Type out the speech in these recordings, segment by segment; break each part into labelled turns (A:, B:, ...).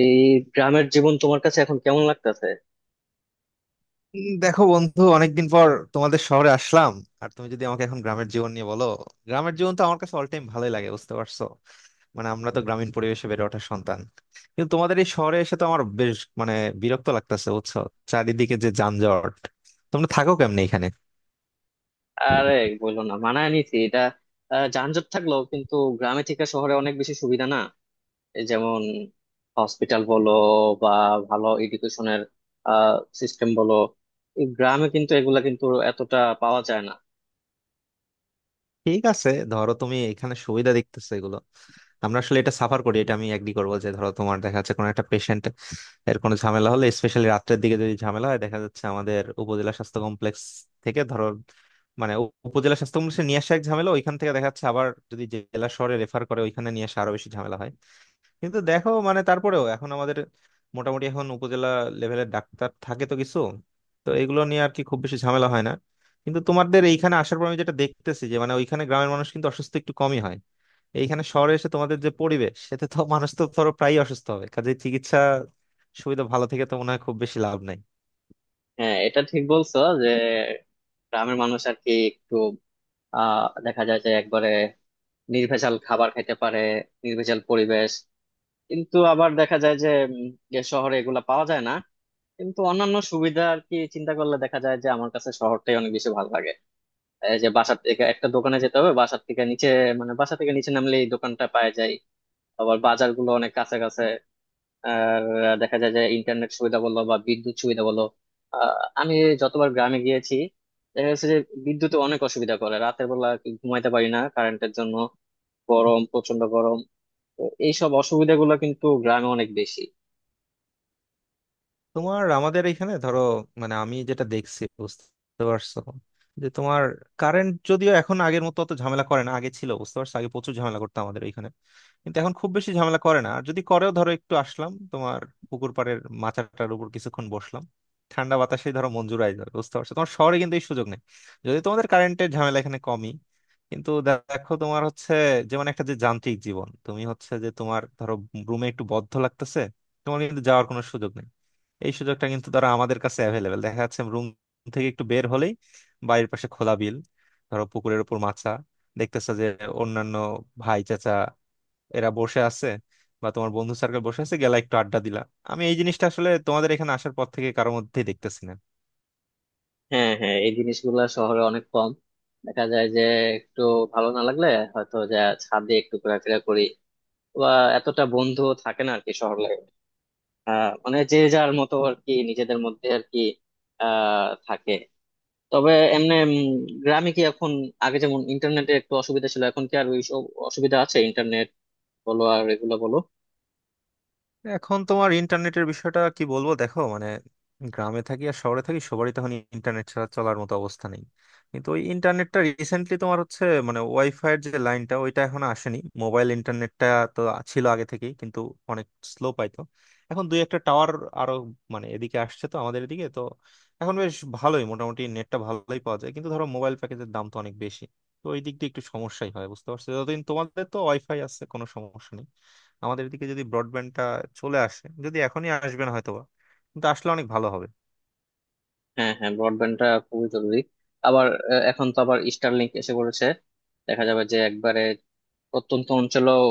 A: এই গ্রামের জীবন তোমার কাছে এখন কেমন লাগতেছে?
B: দেখো বন্ধু, অনেকদিন পর তোমাদের শহরে আসলাম। আর তুমি যদি আমাকে এখন গ্রামের জীবন নিয়ে বলো, গ্রামের জীবন তো আমার কাছে অল টাইম ভালোই লাগে, বুঝতে পারছো? মানে আমরা তো গ্রামীণ পরিবেশে বেড়ে ওঠা সন্তান। কিন্তু তোমাদের এই শহরে এসে তো আমার বেশ বিরক্ত লাগতেছে, বুঝছো? চারিদিকে যে যানজট, তোমরা থাকো কেমনে এখানে?
A: আরে, বললো না, মানায় নিছি এটা। যানজট থাকলেও কিন্তু গ্রামে থেকে শহরে অনেক বেশি সুবিধা না। এই যেমন হসপিটাল বলো বা ভালো এডুকেশনের সিস্টেম বলো, এই গ্রামে কিন্তু এগুলা কিন্তু এতটা পাওয়া যায় না।
B: ঠিক আছে, ধরো তুমি এখানে সুবিধা দেখতেছো এগুলো, আমরা আসলে এটা সাফার করি। এটা আমি এগ্রি করবো যে ধরো তোমার দেখা যাচ্ছে কোনো একটা পেশেন্ট এর কোনো ঝামেলা হলে, স্পেশালি রাত্রের দিকে যদি ঝামেলা হয়, দেখা যাচ্ছে আমাদের উপজেলা স্বাস্থ্য কমপ্লেক্স থেকে ধরো, মানে উপজেলা স্বাস্থ্য কমপ্লেক্সে নিয়ে আসা এক ঝামেলা, ওইখান থেকে দেখা যাচ্ছে আবার যদি জেলা শহরে রেফার করে, ওইখানে নিয়ে আসা আরো বেশি ঝামেলা হয়। কিন্তু দেখো, মানে তারপরেও এখন আমাদের মোটামুটি এখন উপজেলা লেভেলের ডাক্তার থাকে তো কিছু, তো এগুলো নিয়ে আর কি খুব বেশি ঝামেলা হয় না। কিন্তু তোমাদের এইখানে আসার পর আমি যেটা দেখতেছি যে মানে ওইখানে গ্রামের মানুষ কিন্তু অসুস্থ একটু কমই হয়। এইখানে শহরে এসে তোমাদের যে পরিবেশ, সেটা তো মানুষ তো ধরো প্রায়ই অসুস্থ হবে, কাজে চিকিৎসা সুবিধা ভালো থেকে তো মনে হয় খুব বেশি লাভ নাই।
A: হ্যাঁ, এটা ঠিক বলছো যে গ্রামের মানুষ আর কি একটু দেখা যায় যে একবারে নির্ভেজাল খাবার খেতে পারে, নির্ভেজাল পরিবেশ। কিন্তু আবার দেখা যায় যে উম, যে শহরে এগুলা পাওয়া যায় না, কিন্তু অন্যান্য সুবিধা আর কি চিন্তা করলে দেখা যায় যে আমার কাছে শহরটাই অনেক বেশি ভালো লাগে। এই যে বাসার থেকে একটা দোকানে যেতে হবে, বাসার থেকে নিচে, মানে বাসা থেকে নিচে নামলে এই দোকানটা পাওয়া যায়। আবার বাজারগুলো অনেক কাছে কাছে। আর দেখা যায় যে ইন্টারনেট সুবিধা বলো বা বিদ্যুৎ সুবিধা বলো, আহ আমি যতবার গ্রামে গিয়েছি দেখা যাচ্ছে যে বিদ্যুতে অনেক অসুবিধা করে, রাতের বেলা কি ঘুমাইতে পারি না কারেন্টের জন্য। গরম, প্রচন্ড গরম। তো এইসব অসুবিধাগুলো কিন্তু গ্রামে অনেক বেশি।
B: তোমার আমাদের এখানে ধরো, মানে আমি যেটা দেখছি বুঝতে পারছো, যে তোমার কারেন্ট যদিও এখন আগের মতো অত ঝামেলা করে না, আগে ছিল বুঝতে পারছো, আগে প্রচুর ঝামেলা করতো আমাদের এখানে, কিন্তু এখন খুব বেশি ঝামেলা করে না। আর যদি করেও, ধরো একটু আসলাম তোমার পুকুর পাড়ের মাচাটার উপর, কিছুক্ষণ বসলাম ঠান্ডা বাতাসে, ধরো মঞ্জুর আয় ধরো, বুঝতে পারছো, তোমার শহরে কিন্তু এই সুযোগ নেই। যদি তোমাদের কারেন্টের ঝামেলা এখানে কমই, কিন্তু দেখো তোমার হচ্ছে যেমন একটা যে যান্ত্রিক জীবন, তুমি হচ্ছে যে তোমার ধরো রুমে একটু বদ্ধ লাগতেছে, তোমার কিন্তু যাওয়ার কোনো সুযোগ নেই। এই সুযোগটা কিন্তু ধরো আমাদের কাছে অ্যাভেলেবেল, দেখা যাচ্ছে রুম থেকে একটু বের হলেই বাড়ির পাশে খোলা বিল, ধরো পুকুরের উপর মাছা, দেখতেছো যে অন্যান্য ভাই চাচা এরা বসে আছে, বা তোমার বন্ধু সার্কেল বসে আছে, গেলা একটু আড্ডা দিলা। আমি এই জিনিসটা আসলে তোমাদের এখানে আসার পর থেকে কারোর মধ্যেই দেখতেছি না।
A: হ্যাঁ, হ্যাঁ, এই জিনিসগুলা শহরে অনেক কম। দেখা যায় যে একটু ভালো না লাগলে হয়তো যে ছাদে একটু ঘোরাফেরা করি, বা এতটা বন্ধু থাকে না আর কি শহর লাইফে। মানে যে যার মতো আর কি, নিজেদের মধ্যে আর কি থাকে। তবে এমনি গ্রামে কি এখন আগে যেমন ইন্টারনেটে একটু অসুবিধা ছিল, এখন কি আর ওই সব অসুবিধা আছে? ইন্টারনেট বলো আর এগুলো বলো।
B: এখন তোমার ইন্টারনেটের বিষয়টা কি বলবো, দেখো মানে গ্রামে থাকি আর শহরে থাকি, সবারই তখন ইন্টারনেট ছাড়া চলার মতো অবস্থা নেই। কিন্তু ওই ইন্টারনেটটা রিসেন্টলি তোমার হচ্ছে, মানে ওয়াইফাই এর যে লাইনটা ওইটা এখন আসেনি, মোবাইল ইন্টারনেটটা তো ছিল আগে থেকেই, কিন্তু অনেক স্লো পাইতো। এখন দুই একটা টাওয়ার আরো মানে এদিকে আসছে, তো আমাদের এদিকে তো এখন বেশ ভালোই, মোটামুটি নেটটা ভালোই পাওয়া যায়। কিন্তু ধরো মোবাইল প্যাকেজের দাম তো অনেক বেশি, তো ওই দিক দিয়ে একটু সমস্যাই হয়, বুঝতে পারছো? যতদিন তোমাদের তো ওয়াইফাই আছে, কোনো সমস্যা নেই। আমাদের দিকে যদি ব্রডব্যান্ডটা চলে আসে, যদি এখনই আসবে না হয়তোবা, কিন্তু আসলে অনেক ভালো হবে।
A: হ্যাঁ, হ্যাঁ, ব্রডব্যান্ডটা খুবই জরুরি। আবার এখন তো আবার স্টারলিংক এসে পড়েছে। দেখা যাবে যে একবারে প্রত্যন্ত অঞ্চলেও,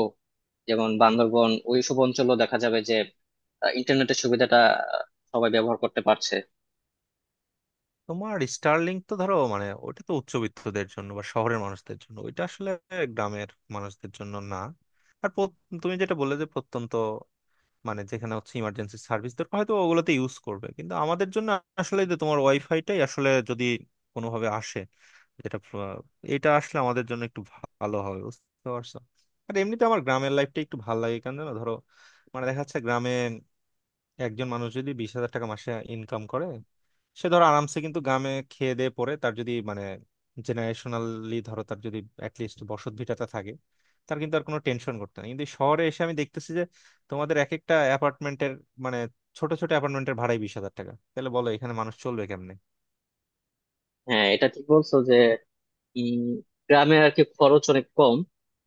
A: যেমন বান্দরবন ওইসব অঞ্চলও দেখা যাবে যে ইন্টারনেটের সুবিধাটা আহ, সবাই ব্যবহার করতে পারছে।
B: তোমার স্টারলিংক তো ধরো মানে ওটা তো উচ্চবিত্তদের জন্য বা শহরের মানুষদের জন্য, ওইটা আসলে গ্রামের মানুষদের জন্য না। আর তুমি যেটা বললে যে প্রত্যন্ত, মানে যেখানে হচ্ছে ইমার্জেন্সি সার্ভিস দরকার, হয়তো ওগুলোতে ইউজ করবে। কিন্তু আমাদের জন্য আসলে যে তোমার ওয়াইফাইটাই আসলে যদি কোনোভাবে আসে, যেটা এটা আসলে আমাদের জন্য একটু ভালো হবে, বুঝতে পারছো? আর এমনিতে আমার গ্রামের লাইফটা একটু ভালো লাগে, কেন জানো? ধরো মানে দেখা যাচ্ছে গ্রামে একজন মানুষ যদি 20,000 টাকা মাসে ইনকাম করে, সে ধরো আরামসে কিন্তু গ্রামে খেয়ে দিয়ে পরে তার যদি মানে জেনারেশনালি ধরো তার যদি অ্যাটলিস্ট বসত ভিটাটা থাকে, তার কিন্তু আর কোনো টেনশন করতে নেই। কিন্তু শহরে এসে আমি দেখতেছি যে তোমাদের এক একটা অ্যাপার্টমেন্টের, মানে ছোট ছোট অ্যাপার্টমেন্টের ভাড়াই 20,000 টাকা, তাহলে বলো এখানে মানুষ চলবে কেমনে?
A: হ্যাঁ, এটা ঠিক বলছো যে উম, গ্রামে আর কি খরচ অনেক কম।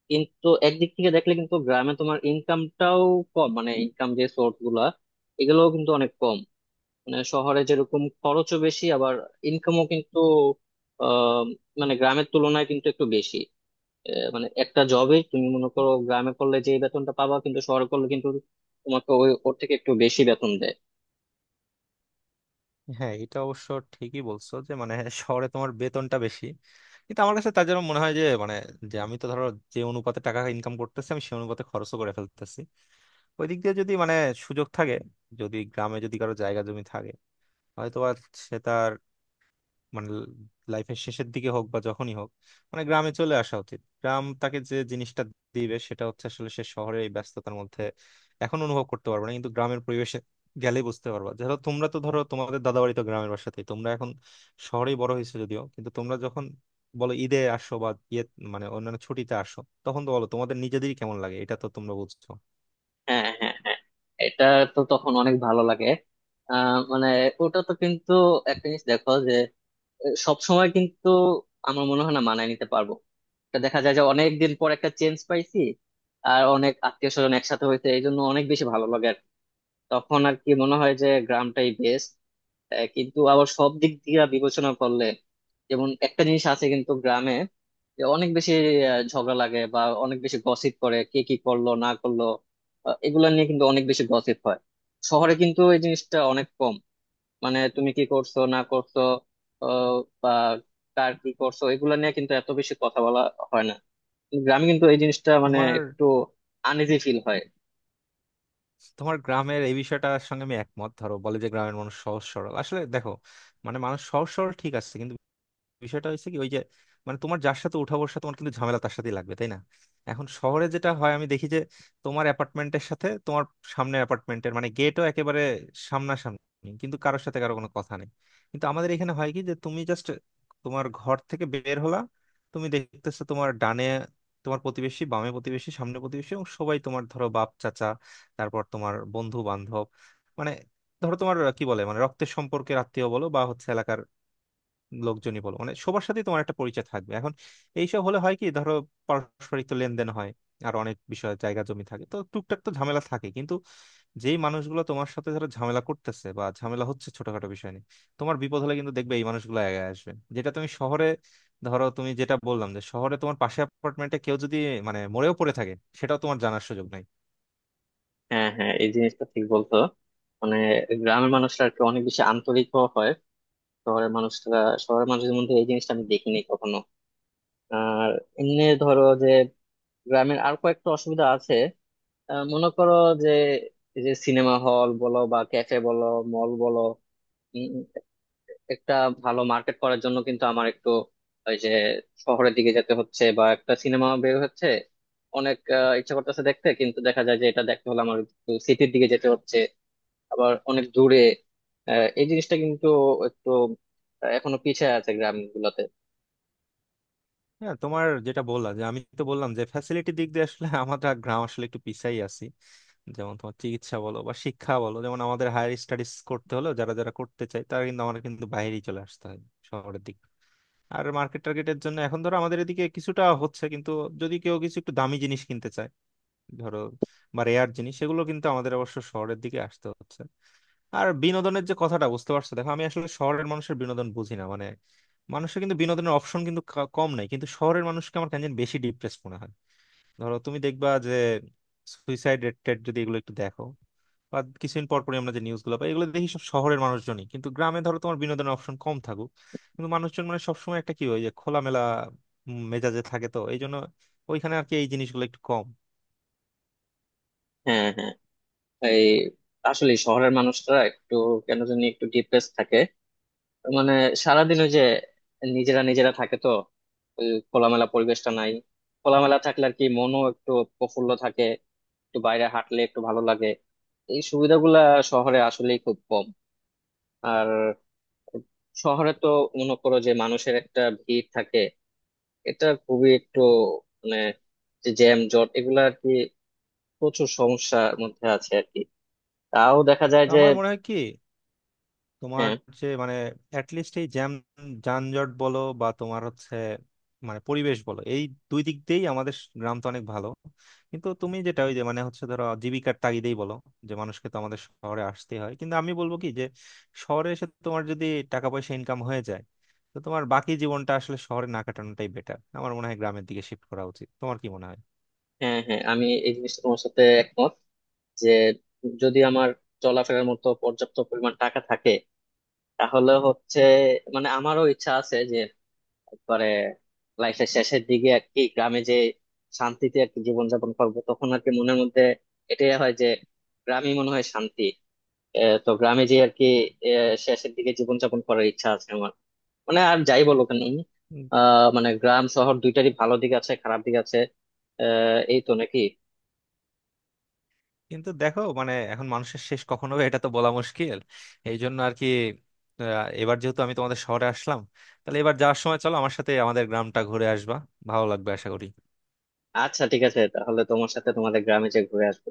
A: কিন্তু একদিক থেকে দেখলে কিন্তু গ্রামে তোমার ইনকামটাও কম, মানে ইনকাম যে সোর্স গুলা এগুলোও কিন্তু অনেক কম। মানে শহরে যেরকম খরচও বেশি, আবার ইনকামও কিন্তু আহ মানে গ্রামের তুলনায় কিন্তু একটু বেশি। মানে একটা জবে তুমি মনে করো গ্রামে করলে যে বেতনটা পাবা, কিন্তু শহরে করলে কিন্তু তোমাকে ওই ওর থেকে একটু বেশি বেতন দেয়।
B: হ্যাঁ, এটা অবশ্য ঠিকই বলছো যে মানে শহরে তোমার বেতনটা বেশি, কিন্তু আমার কাছে তার জন্য মনে হয় যে মানে যে আমি তো ধরো যে অনুপাতে টাকা ইনকাম করতেছি, আমি সে অনুপাতে খরচও করে ফেলতেছি। ওই দিক দিয়ে যদি মানে সুযোগ থাকে, যদি গ্রামে যদি কারো জায়গা জমি থাকে, হয়তো বা সে তার মানে লাইফের শেষের দিকে হোক বা যখনই হোক, মানে গ্রামে চলে আসা উচিত। গ্রাম তাকে যে জিনিসটা দিবে, সেটা হচ্ছে আসলে সে শহরের এই ব্যস্ততার মধ্যে এখন অনুভব করতে পারবে না, কিন্তু গ্রামের পরিবেশে গেলেই বুঝতে পারবা। ধরো তোমরা তো ধরো তোমাদের দাদাবাড়ি তো গ্রামের বাসাতেই, তোমরা এখন শহরেই বড় হয়েছো যদিও, কিন্তু তোমরা যখন বলো ঈদে আসো বা ইয়ে মানে অন্যান্য ছুটিতে আসো, তখন তো বলো তোমাদের নিজেদেরই কেমন লাগে, এটা তো তোমরা বুঝছো।
A: হ্যাঁ, হ্যাঁ, হ্যাঁ, এটা তো তখন অনেক ভালো লাগে। মানে ওটা তো কিন্তু একটা জিনিস, দেখো যে সব সময় কিন্তু আমার মনে হয় না মানায় নিতে পারবো। এটা দেখা যায় যে অনেক দিন পর একটা চেঞ্জ পাইছি, আর অনেক আত্মীয় স্বজন একসাথে হয়েছে, এই জন্য অনেক বেশি ভালো লাগে আর কি। তখন আর কি মনে হয় যে গ্রামটাই বেস্ট। কিন্তু আবার সব দিক দিয়ে বিবেচনা করলে যেমন একটা জিনিস আছে কিন্তু গ্রামে, যে অনেক বেশি ঝগড়া লাগে বা অনেক বেশি গসিপ করে, কে কি করলো না করলো, এগুলা নিয়ে কিন্তু অনেক বেশি গসিপ হয়। শহরে কিন্তু এই জিনিসটা অনেক কম। মানে তুমি কি করছো না করছো, আহ, বা কার কি করছো, এগুলা নিয়ে কিন্তু এত বেশি কথা বলা হয় না। কিন্তু গ্রামে কিন্তু এই জিনিসটা মানে
B: তোমার
A: একটু আনইজি ফিল হয়।
B: তোমার গ্রামের এই বিষয়টার সঙ্গে আমি একমত, ধরো বলে যে গ্রামের মানুষ সহজ সরল। আসলে দেখো মানে মানুষ সহজ সরল ঠিক আছে, কিন্তু বিষয়টা হয়েছে কি, ওই যে মানে তোমার যার সাথে উঠা বসা, তোমার কিন্তু ঝামেলা তার সাথেই লাগবে, তাই না? এখন শহরে যেটা হয় আমি দেখি যে তোমার অ্যাপার্টমেন্টের সাথে তোমার সামনে অ্যাপার্টমেন্টের মানে গেটও একেবারে সামনাসামনি, কিন্তু কারোর সাথে কারো কোনো কথা নেই। কিন্তু আমাদের এখানে হয় কি যে তুমি জাস্ট তোমার ঘর থেকে বের হলা, তুমি দেখতেছো তোমার ডানে তোমার প্রতিবেশী, বামে প্রতিবেশী, সামনে প্রতিবেশী, এবং সবাই তোমার ধরো বাপ চাচা, তারপর তোমার বন্ধু বান্ধব, মানে ধরো তোমার কি বলে মানে রক্তের সম্পর্কের আত্মীয় বলো বা হচ্ছে লোকজনই বলো, মানে সবার সাথেই তোমার একটা পরিচয় থাকবে। এখন এইসব হলে হয় কি, ধরো পারস্পরিক তো লেনদেন হয়, আর অনেক বিষয় জায়গা জমি থাকে তো টুকটাক তো ঝামেলা থাকে। কিন্তু যেই মানুষগুলো তোমার সাথে ধরো ঝামেলা করতেছে বা ঝামেলা হচ্ছে ছোটখাটো বিষয় নিয়ে, তোমার বিপদ হলে কিন্তু দেখবে এই মানুষগুলো আগে আসবে, যেটা তুমি শহরে, ধরো তুমি যেটা বললাম যে শহরে তোমার পাশে অ্যাপার্টমেন্টে কেউ যদি মানে মরেও পড়ে থাকে, সেটাও তোমার জানার সুযোগ নাই।
A: হ্যাঁ, হ্যাঁ, এই জিনিসটা ঠিক বলতো। মানে গ্রামের মানুষরা আর কি অনেক বেশি আন্তরিক হয়। শহরের মানুষরা শহরের মানুষদের মধ্যে এই জিনিসটা আমি দেখিনি কখনো। আর এমনি ধরো যে গ্রামের আর কয়েকটা অসুবিধা আছে। মনে করো যে এই যে সিনেমা হল বলো বা ক্যাফে বলো, মল বলো, উম, একটা ভালো মার্কেট করার জন্য কিন্তু আমার একটু ওই যে শহরের দিকে যেতে হচ্ছে, বা একটা সিনেমা বের হচ্ছে, অনেক ইচ্ছা করতেছে দেখতে, কিন্তু দেখা যায় যে এটা দেখতে হলে আমার একটু সিটির দিকে যেতে হচ্ছে, আবার অনেক দূরে। এই জিনিসটা কিন্তু একটু এখনো পিছিয়ে আছে গ্রাম গুলাতে।
B: হ্যাঁ, তোমার যেটা বললাম যে আমি তো বললাম যে ফ্যাসিলিটি দিক দিয়ে আসলে আমাদের গ্রাম আসলে একটু পিছাই আছি। যেমন তোমার চিকিৎসা বলো বা শিক্ষা বলো, যেমন আমাদের হায়ার স্টাডিজ করতে হলো, যারা যারা করতে চায় তারা কিন্তু আমাদের কিন্তু বাইরেই চলে আসতে হয়, শহরের দিকে। আর মার্কেট টার্গেটের জন্য এখন ধরো আমাদের এদিকে কিছুটা হচ্ছে, কিন্তু যদি কেউ কিছু একটু দামি জিনিস কিনতে চায় ধরো বা রেয়ার জিনিস, সেগুলো কিন্তু আমাদের অবশ্য শহরের দিকে আসতে হচ্ছে। আর বিনোদনের যে কথাটা, বুঝতে পারছো, দেখো আমি আসলে শহরের মানুষের বিনোদন বুঝি না, মানে মানুষের কিন্তু বিনোদনের অপশন কিন্তু কম নাই, কিন্তু শহরের মানুষকে আমার কেন জানি বেশি ডিপ্রেস মনে হয়। ধরো তুমি দেখবা যে সুইসাইড রেট টেট যদি এগুলো একটু দেখো বা কিছুদিন পর পরই আমরা যে নিউজ গুলো পাই, এগুলো দেখি সব শহরের মানুষজনই। কিন্তু গ্রামে ধরো তোমার বিনোদনের অপশন কম থাকুক, কিন্তু মানুষজন মানে সবসময় একটা কি হয় যে খোলামেলা মেজাজে থাকে, তো এই জন্য ওইখানে আর কি এই জিনিসগুলো একটু কম।
A: হ্যাঁ, হ্যাঁ, এই আসলে শহরের মানুষরা একটু কেন জানি একটু ডিপ্রেস থাকে। মানে সারাদিন ওই যে নিজেরা নিজেরা থাকে তো, ওই খোলামেলা পরিবেশটা নাই। খোলামেলা থাকলে আর কি মনও একটু প্রফুল্ল থাকে, একটু বাইরে হাঁটলে একটু ভালো লাগে। এই সুবিধাগুলা শহরে আসলেই খুব কম। আর শহরে তো মনে করো যে মানুষের একটা ভিড় থাকে, এটা খুবই একটু মানে যে জ্যাম জট, এগুলা আর কি প্রচুর সমস্যার মধ্যে আছে আর কি। তাও দেখা যায়
B: তো
A: যে
B: আমার মনে হয় কি, তোমার
A: হ্যাঁ,
B: যে মানে অ্যাটলিস্ট এই জ্যাম যানজট বলো বা তোমার হচ্ছে মানে পরিবেশ বলো, এই দুই দিক দিয়েই আমাদের গ্রাম তো অনেক ভালো। কিন্তু তুমি যেটা ওই যে মানে হচ্ছে ধরো জীবিকার তাগিদেই বলো, যে মানুষকে তো আমাদের শহরে আসতেই হয়। কিন্তু আমি বলবো কি যে শহরে এসে তোমার যদি টাকা পয়সা ইনকাম হয়ে যায়, তো তোমার বাকি জীবনটা আসলে শহরে না কাটানোটাই বেটার, আমার মনে হয় গ্রামের দিকে শিফট করা উচিত। তোমার কি মনে হয়?
A: হ্যাঁ, হ্যাঁ, আমি এই জিনিসটা তোমার সাথে একমত যে যদি আমার চলাফেরার মতো পর্যাপ্ত পরিমাণ টাকা থাকে, তাহলে হচ্ছে মানে আমারও ইচ্ছা আছে যে একবারে লাইফের শেষের দিকে আর কি গ্রামে যে শান্তিতে আর কি জীবনযাপন করবো। তখন আর কি মনের মধ্যে এটাই হয় যে গ্রামই মনে হয় শান্তি। তো গ্রামে যে আর কি শেষের দিকে জীবনযাপন করার ইচ্ছা আছে আমার। মানে আর যাই বলো কেন মানে গ্রাম শহর দুইটারই ভালো দিক আছে, খারাপ দিক আছে। এই তো, নাকি?
B: কিন্তু দেখো মানে এখন মানুষের শেষ কখন হবে এটা তো বলা মুশকিল, এই জন্য আর কি। এবার যেহেতু আমি তোমাদের শহরে আসলাম, তাহলে এবার যাওয়ার সময় চলো আমার সাথে আমাদের গ্রামটা ঘুরে আসবা, ভালো লাগবে আশা করি।
A: আচ্ছা, ঠিক আছে, তাহলে তোমার সাথে তোমাদের গ্রামে যে ঘুরে আসবো।